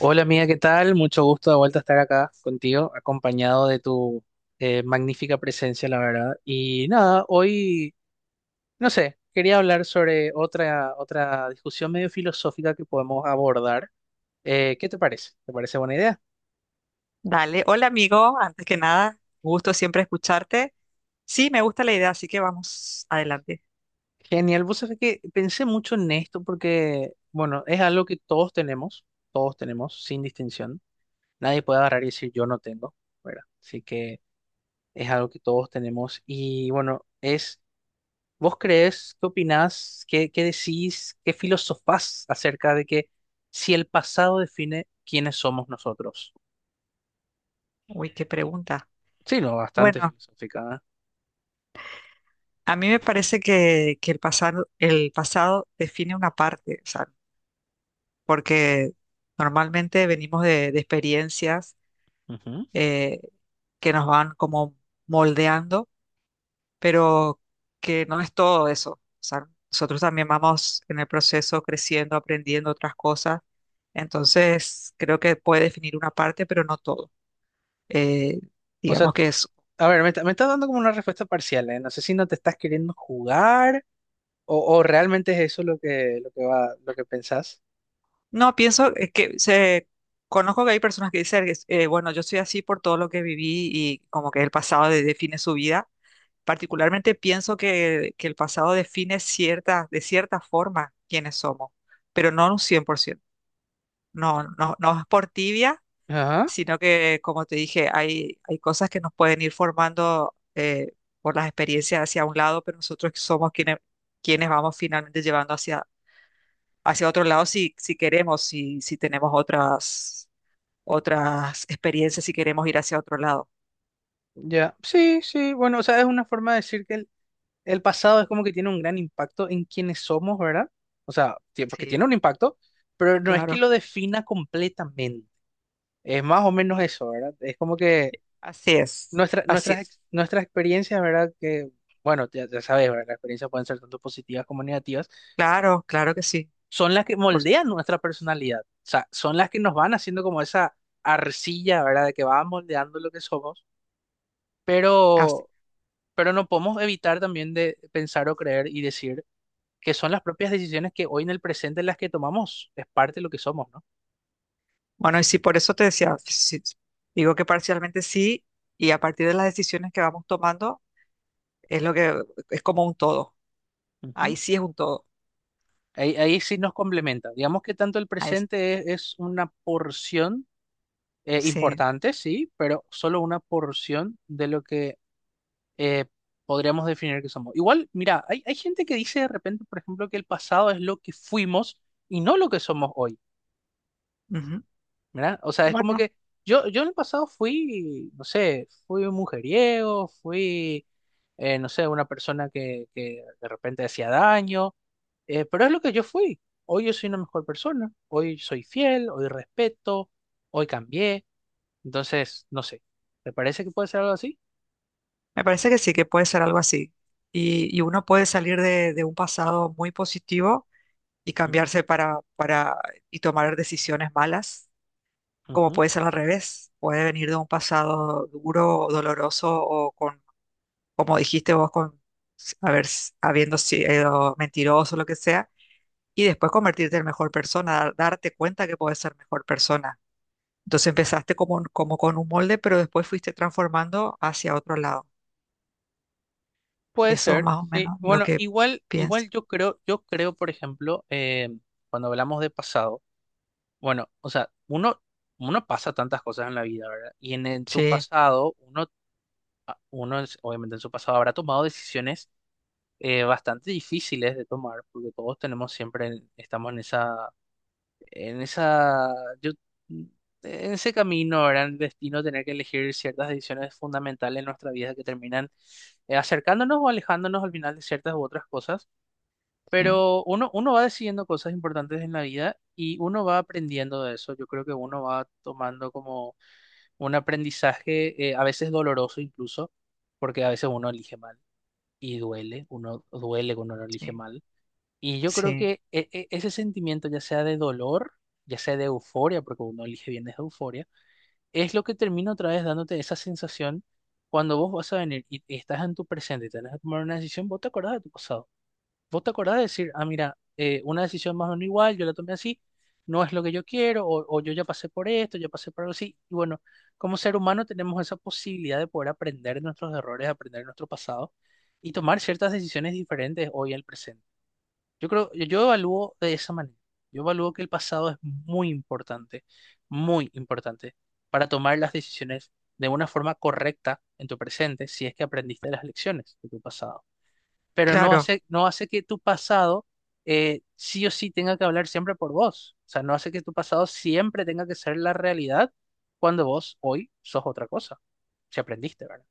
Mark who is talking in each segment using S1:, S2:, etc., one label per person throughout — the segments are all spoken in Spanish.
S1: Hola amiga, ¿qué tal? Mucho gusto de vuelta estar acá contigo, acompañado de tu magnífica presencia, la verdad. Y nada, hoy, no sé, quería hablar sobre otra discusión medio filosófica que podemos abordar. ¿qué te parece? ¿Te parece buena idea?
S2: Dale, hola amigo, antes que nada, gusto siempre escucharte. Sí, me gusta la idea, así que vamos adelante.
S1: Genial, vos sabés que pensé mucho en esto porque, bueno, es algo que todos tenemos, sin distinción. Nadie puede agarrar y decir yo no tengo, ¿verdad? Así que es algo que todos tenemos y bueno, es... ¿Vos creés, qué opinás, qué decís, qué filosofás acerca de que si el pasado define quiénes somos nosotros?
S2: Uy, qué pregunta.
S1: Sí, no, bastante
S2: Bueno,
S1: filosófica,
S2: a mí me parece que el pasado define una parte, o sea, porque normalmente venimos de experiencias
S1: ¿eh? Ujú.
S2: eh, que nos van como moldeando, pero que no es todo eso. O sea, nosotros también vamos en el proceso creciendo, aprendiendo otras cosas. Entonces, creo que puede definir una parte, pero no todo. Eh,
S1: O sea,
S2: digamos que es...
S1: a ver, me estás dando como una respuesta parcial, ¿eh? No sé si no te estás queriendo jugar o realmente es eso lo que va, lo que pensás.
S2: No, pienso que se... Conozco que hay personas que dicen, bueno, yo soy así por todo lo que viví y como que el define su vida. Particularmente pienso que el pasado define cierta, de cierta forma quiénes somos, pero no un cien por ciento. No, no, no es por tibia,
S1: Ajá,
S2: sino que, como te dije, hay cosas que nos pueden ir formando por las experiencias hacia un lado, pero nosotros somos quienes vamos finalmente llevando hacia, hacia otro lado si, si queremos, si, si tenemos otras, otras experiencias, si queremos ir hacia otro lado.
S1: ya. Sí, sí, bueno, o sea, es una forma de decir que el pasado es como que tiene un gran impacto en quienes somos, ¿verdad? O sea, tiempo que
S2: Sí,
S1: tiene un impacto, pero no es que
S2: claro,
S1: lo defina completamente. Es más o menos eso, ¿verdad? Es como que
S2: así es, así es.
S1: nuestras experiencias, ¿verdad? Que, bueno, ya sabes, ¿verdad? Las experiencias pueden ser tanto positivas como negativas,
S2: Claro, claro que sí.
S1: son las que
S2: por su-
S1: moldean nuestra personalidad. O sea, son las que nos van haciendo como esa arcilla, ¿verdad? De que va moldeando lo que somos,
S2: Así.
S1: pero, pero no podemos evitar también de pensar o creer y decir que son las propias decisiones que hoy en el presente las que tomamos, es parte de lo que somos, ¿no?
S2: Bueno, y sí, por eso te decía, sí, digo que parcialmente sí, y a partir de las decisiones que vamos tomando, es lo que es como un todo.
S1: Ujú.
S2: Ahí sí es un todo.
S1: Ahí sí nos complementa. Digamos que tanto el
S2: Ahí s-
S1: presente es una porción
S2: sí.
S1: importante, sí, pero solo una porción de lo que eh, podríamos definir que somos. Igual, mira, hay gente que dice de repente, por ejemplo, que el pasado es lo que fuimos y no lo que somos hoy.
S2: Ujú.
S1: ¿Verdad? O sea, es como
S2: Bueno,
S1: que yo en el pasado fui, no sé, fui un mujeriego, fui, no sé, una persona que de repente hacía daño, pero es lo que yo fui. Hoy yo soy una mejor persona, hoy soy fiel, hoy respeto, hoy cambié. Entonces, no sé, ¿te parece que puede ser algo así?
S2: me parece que sí, que puede ser algo así. Y uno puede salir de un pasado muy positivo y
S1: Mm,
S2: cambiarse para y tomar decisiones malas, como
S1: ujú.
S2: puede ser al revés. Puede venir de un pasado duro o doloroso o con, como dijiste vos, con habiendo sido mentiroso, lo que sea, y después convertirte en mejor persona, darte cuenta que puedes ser mejor persona. Entonces empezaste como, como con un molde, pero después fuiste transformando hacia otro lado.
S1: Puede
S2: Eso es
S1: ser,
S2: más o
S1: sí.
S2: menos lo
S1: Bueno,
S2: que
S1: igual,
S2: pienso.
S1: igual yo creo, por ejemplo, cuando hablamos de pasado, bueno, o sea, uno pasa tantas cosas en la vida, ¿verdad? Y en tu
S2: Sí,
S1: pasado, uno, obviamente en su pasado habrá tomado decisiones bastante difíciles de tomar, porque todos tenemos siempre, estamos en en esa, yo, mm, en ese camino, ¿verdad? El destino, tener que elegir ciertas decisiones fundamentales en nuestra vida que terminan acercándonos o alejándonos al final de ciertas u otras cosas.
S2: sí,
S1: Pero uno va decidiendo cosas importantes en la vida y uno va aprendiendo de eso. Yo creo que uno va tomando como un aprendizaje, a veces doloroso incluso, porque a veces uno elige mal y duele, uno duele cuando uno elige
S2: sí,
S1: mal. Y yo creo
S2: sí.
S1: que ese sentimiento, ya sea de dolor, ya sea de euforia, porque uno elige bien desde euforia, es lo que termina otra vez dándote esa sensación cuando vos vas a venir y estás en tu presente y tenés que tomar una decisión, vos te acordás de tu pasado. ¿Vos te acordás de decir, ah, mira, una decisión más o menos igual, yo la tomé así, no es lo que yo quiero, o yo ya pasé por esto, ya pasé por algo así? Y bueno, como ser humano tenemos esa posibilidad de poder aprender de nuestros errores, aprender de nuestro pasado y tomar ciertas decisiones diferentes hoy al presente. Yo creo, yo evalúo de esa manera. Yo evalúo que el pasado es muy importante para tomar las decisiones de una forma correcta en tu presente si es que aprendiste las lecciones de tu pasado, pero no
S2: Claro,
S1: hace, no hace que tu pasado sí o sí tenga que hablar siempre por vos. O sea, no hace que tu pasado siempre tenga que ser la realidad cuando vos hoy sos otra cosa. Si aprendiste, ¿verdad?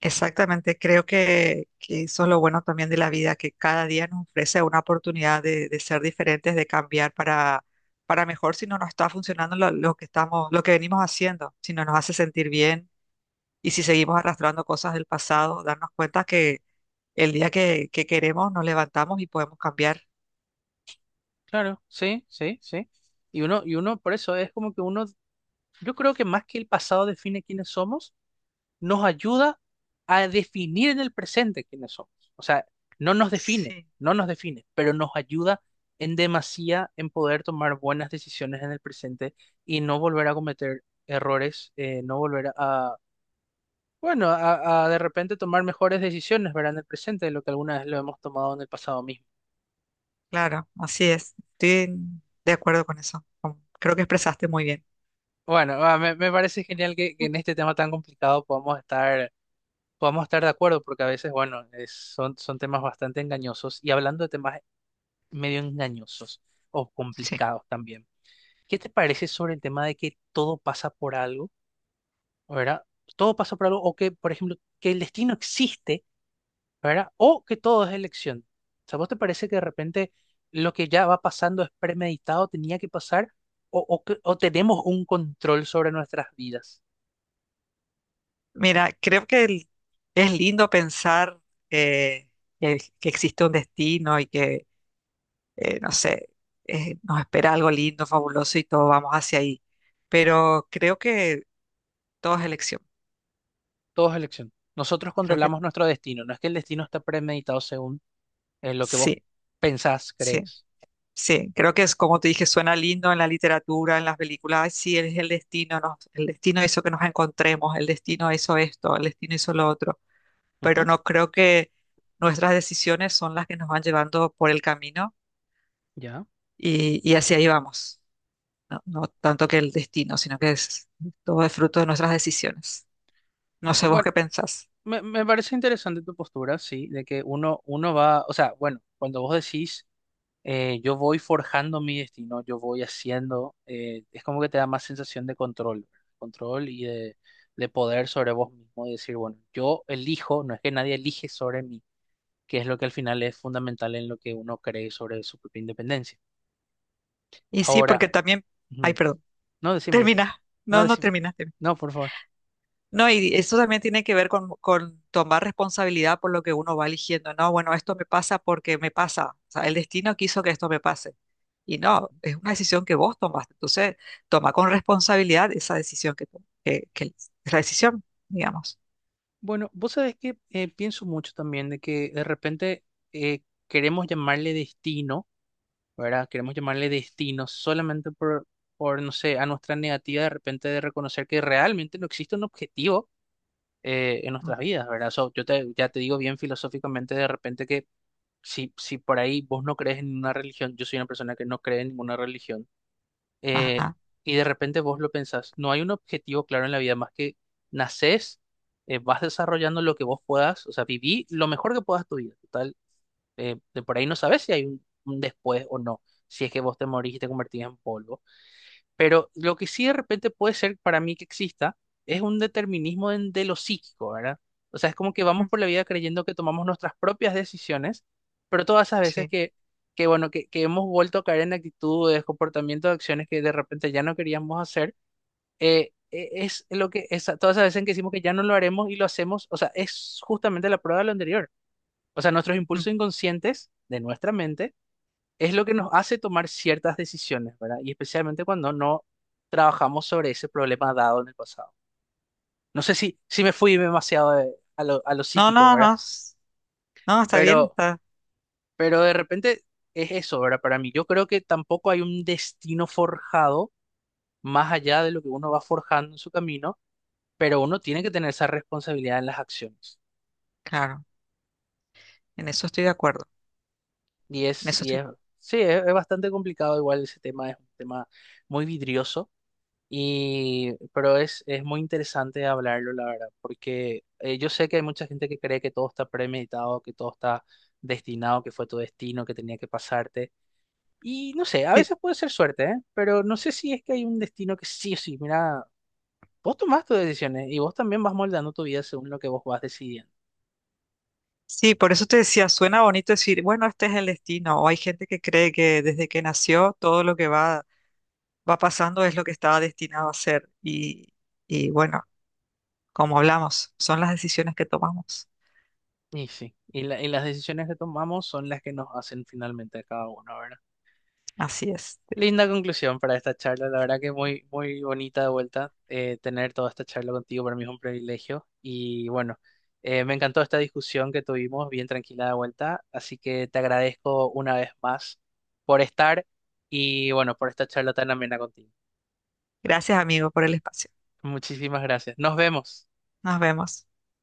S2: exactamente. Creo que eso es lo bueno también de la vida, que cada día nos ofrece una oportunidad de ser diferentes, de cambiar para mejor si no nos está funcionando lo que estamos, lo que venimos haciendo, si no nos hace sentir bien y si seguimos arrastrando cosas del pasado, darnos cuenta que el día que queremos nos levantamos y podemos cambiar.
S1: Claro, sí, sí, sí. Y uno, por eso es como que uno, yo creo que más que el pasado define quiénes somos, nos ayuda a definir en el presente quiénes somos. O sea, no nos define,
S2: Sí,
S1: no nos define, pero nos ayuda en demasía en poder tomar buenas decisiones en el presente y no volver a cometer errores, no volver a, bueno, a de repente tomar mejores decisiones, ¿verdad? En el presente de lo que alguna vez lo hemos tomado en el pasado mismo.
S2: claro, así es. Estoy de acuerdo con eso. Creo que expresaste muy bien.
S1: Bueno, ah, me parece genial que en este tema tan complicado podamos estar de acuerdo, porque a veces, bueno, son, son temas bastante engañosos. Y hablando de temas medio engañosos o
S2: Sí.
S1: complicados también. ¿Qué te parece sobre el tema de que todo pasa por algo, ¿verdad? Todo pasa por algo, o que, por ejemplo, que el destino existe, ¿verdad? O que todo es elección. O sea, ¿vos te parece que de repente lo que ya va pasando es premeditado, tenía que pasar, o tenemos un control sobre nuestras vidas?
S2: Mira, creo que es lindo pensar eh, que existe un destino y que, no sé, nos espera algo lindo, fabuloso y todos vamos hacia ahí. Pero creo que todo es elección.
S1: Todo es elección. Nosotros
S2: Creo que
S1: controlamos nuestro destino, no es que el destino está premeditado según lo que vos
S2: sí,
S1: pensás,
S2: sí.
S1: crees.
S2: Sí, creo que es como te dije, suena lindo en la literatura, en las películas. Ay, sí, es el destino, el destino hizo que nos encontremos, el destino hizo esto, el destino hizo lo otro. Pero
S1: Ujú,
S2: no creo que nuestras decisiones son las que nos van llevando por el camino
S1: ya.
S2: y hacia ahí vamos. No, no tanto que el destino, sino que es todo es fruto de nuestras decisiones. No sé vos
S1: Bueno.
S2: qué pensás.
S1: Me parece interesante tu postura, sí, de que uno, uno va, o sea, bueno, cuando vos decís, yo voy forjando mi destino, yo voy haciendo, es como que te da más sensación de control, control y de poder sobre vos mismo, y decir, bueno, yo elijo, no es que nadie elige sobre mí, que es lo que al final es fundamental en lo que uno cree sobre su propia independencia.
S2: Y sí,
S1: Ahora,
S2: porque también. Ay,
S1: ujú,
S2: perdón.
S1: no, decime,
S2: Termina. No, no
S1: decime,
S2: terminaste.
S1: no, por favor.
S2: No, y eso también tiene que ver con tomar responsabilidad por lo que uno va eligiendo. No, bueno, esto me pasa porque me pasa. O sea, el destino quiso que esto me pase. Y no, es una decisión que vos tomaste. Entonces, toma con responsabilidad esa decisión que la decisión, digamos.
S1: Bueno, vos sabés que pienso mucho también de que de repente eh, queremos llamarle destino, ¿verdad? Queremos llamarle destino solamente no sé, a nuestra negativa de repente de reconocer que realmente no existe un objetivo en
S2: Ujú.
S1: nuestras vidas, ¿verdad? So, yo te, ya te digo bien filosóficamente de repente que si por ahí vos no crees en ninguna religión, yo soy una persona que no cree en ninguna religión, eh,
S2: Ajá.
S1: y de repente vos lo pensás, no hay un objetivo claro en la vida más que nacés, vas desarrollando lo que vos puedas, o sea, viví lo mejor que puedas tu vida, total, de por ahí no sabes si hay un después o no, si es que vos te morís y te convertís en polvo, pero lo que sí de repente puede ser para mí que exista es un determinismo de lo psíquico, ¿verdad? O sea, es como que
S2: Mm.
S1: vamos por la vida creyendo que tomamos nuestras propias decisiones, pero todas esas veces
S2: Sí.
S1: que bueno, que hemos vuelto a caer en actitudes, comportamientos, acciones que de repente ya no queríamos hacer, es lo que, todas esas veces en que decimos que ya no lo haremos y lo hacemos, o sea, es justamente la prueba de lo anterior. O sea, nuestros
S2: Mm.
S1: impulsos inconscientes de nuestra mente es lo que nos hace tomar ciertas decisiones, ¿verdad? Y especialmente cuando no trabajamos sobre ese problema dado en el pasado. No sé si me fui demasiado a lo
S2: No,
S1: psíquico,
S2: no,
S1: ¿verdad?
S2: no. No, está bien,
S1: Pero,
S2: está
S1: pero de repente es eso, ¿verdad? Para mí, yo creo que tampoco hay un destino forjado más allá de lo que uno va forjando en su camino, pero uno tiene que tener esa responsabilidad en las acciones.
S2: claro. En eso estoy de acuerdo.
S1: Y
S2: En
S1: es,
S2: eso
S1: y
S2: estoy.
S1: es, sí, es bastante complicado, igual ese tema es un tema muy vidrioso. Y, pero es muy interesante hablarlo, la verdad, porque yo sé que hay mucha gente que cree que todo está premeditado, que todo está destinado, que fue tu destino, que tenía que pasarte. Y no sé, a
S2: Sí.
S1: veces puede ser suerte, ¿eh? Pero no sé si es que hay un destino que sí o sí, mira, vos tomás tus decisiones y vos también vas moldando tu vida según lo que vos vas decidiendo.
S2: Sí, por eso te decía, suena bonito decir, bueno, este es el destino, o hay gente que cree que desde que nació todo lo que va, va pasando es lo que estaba destinado a ser. Y bueno, como hablamos, son las decisiones que tomamos.
S1: Y sí, y las decisiones que tomamos son las que nos hacen finalmente a cada uno, ¿verdad?
S2: Así es.
S1: Linda conclusión para esta charla, la verdad que muy bonita de vuelta tener toda esta charla contigo, para mí es un privilegio y bueno, me encantó esta discusión que tuvimos bien tranquila de vuelta, así que te agradezco una vez más por estar y bueno, por esta charla tan amena contigo.
S2: Gracias, amigo, por el espacio.
S1: Muchísimas gracias. Nos vemos.
S2: Nos vemos.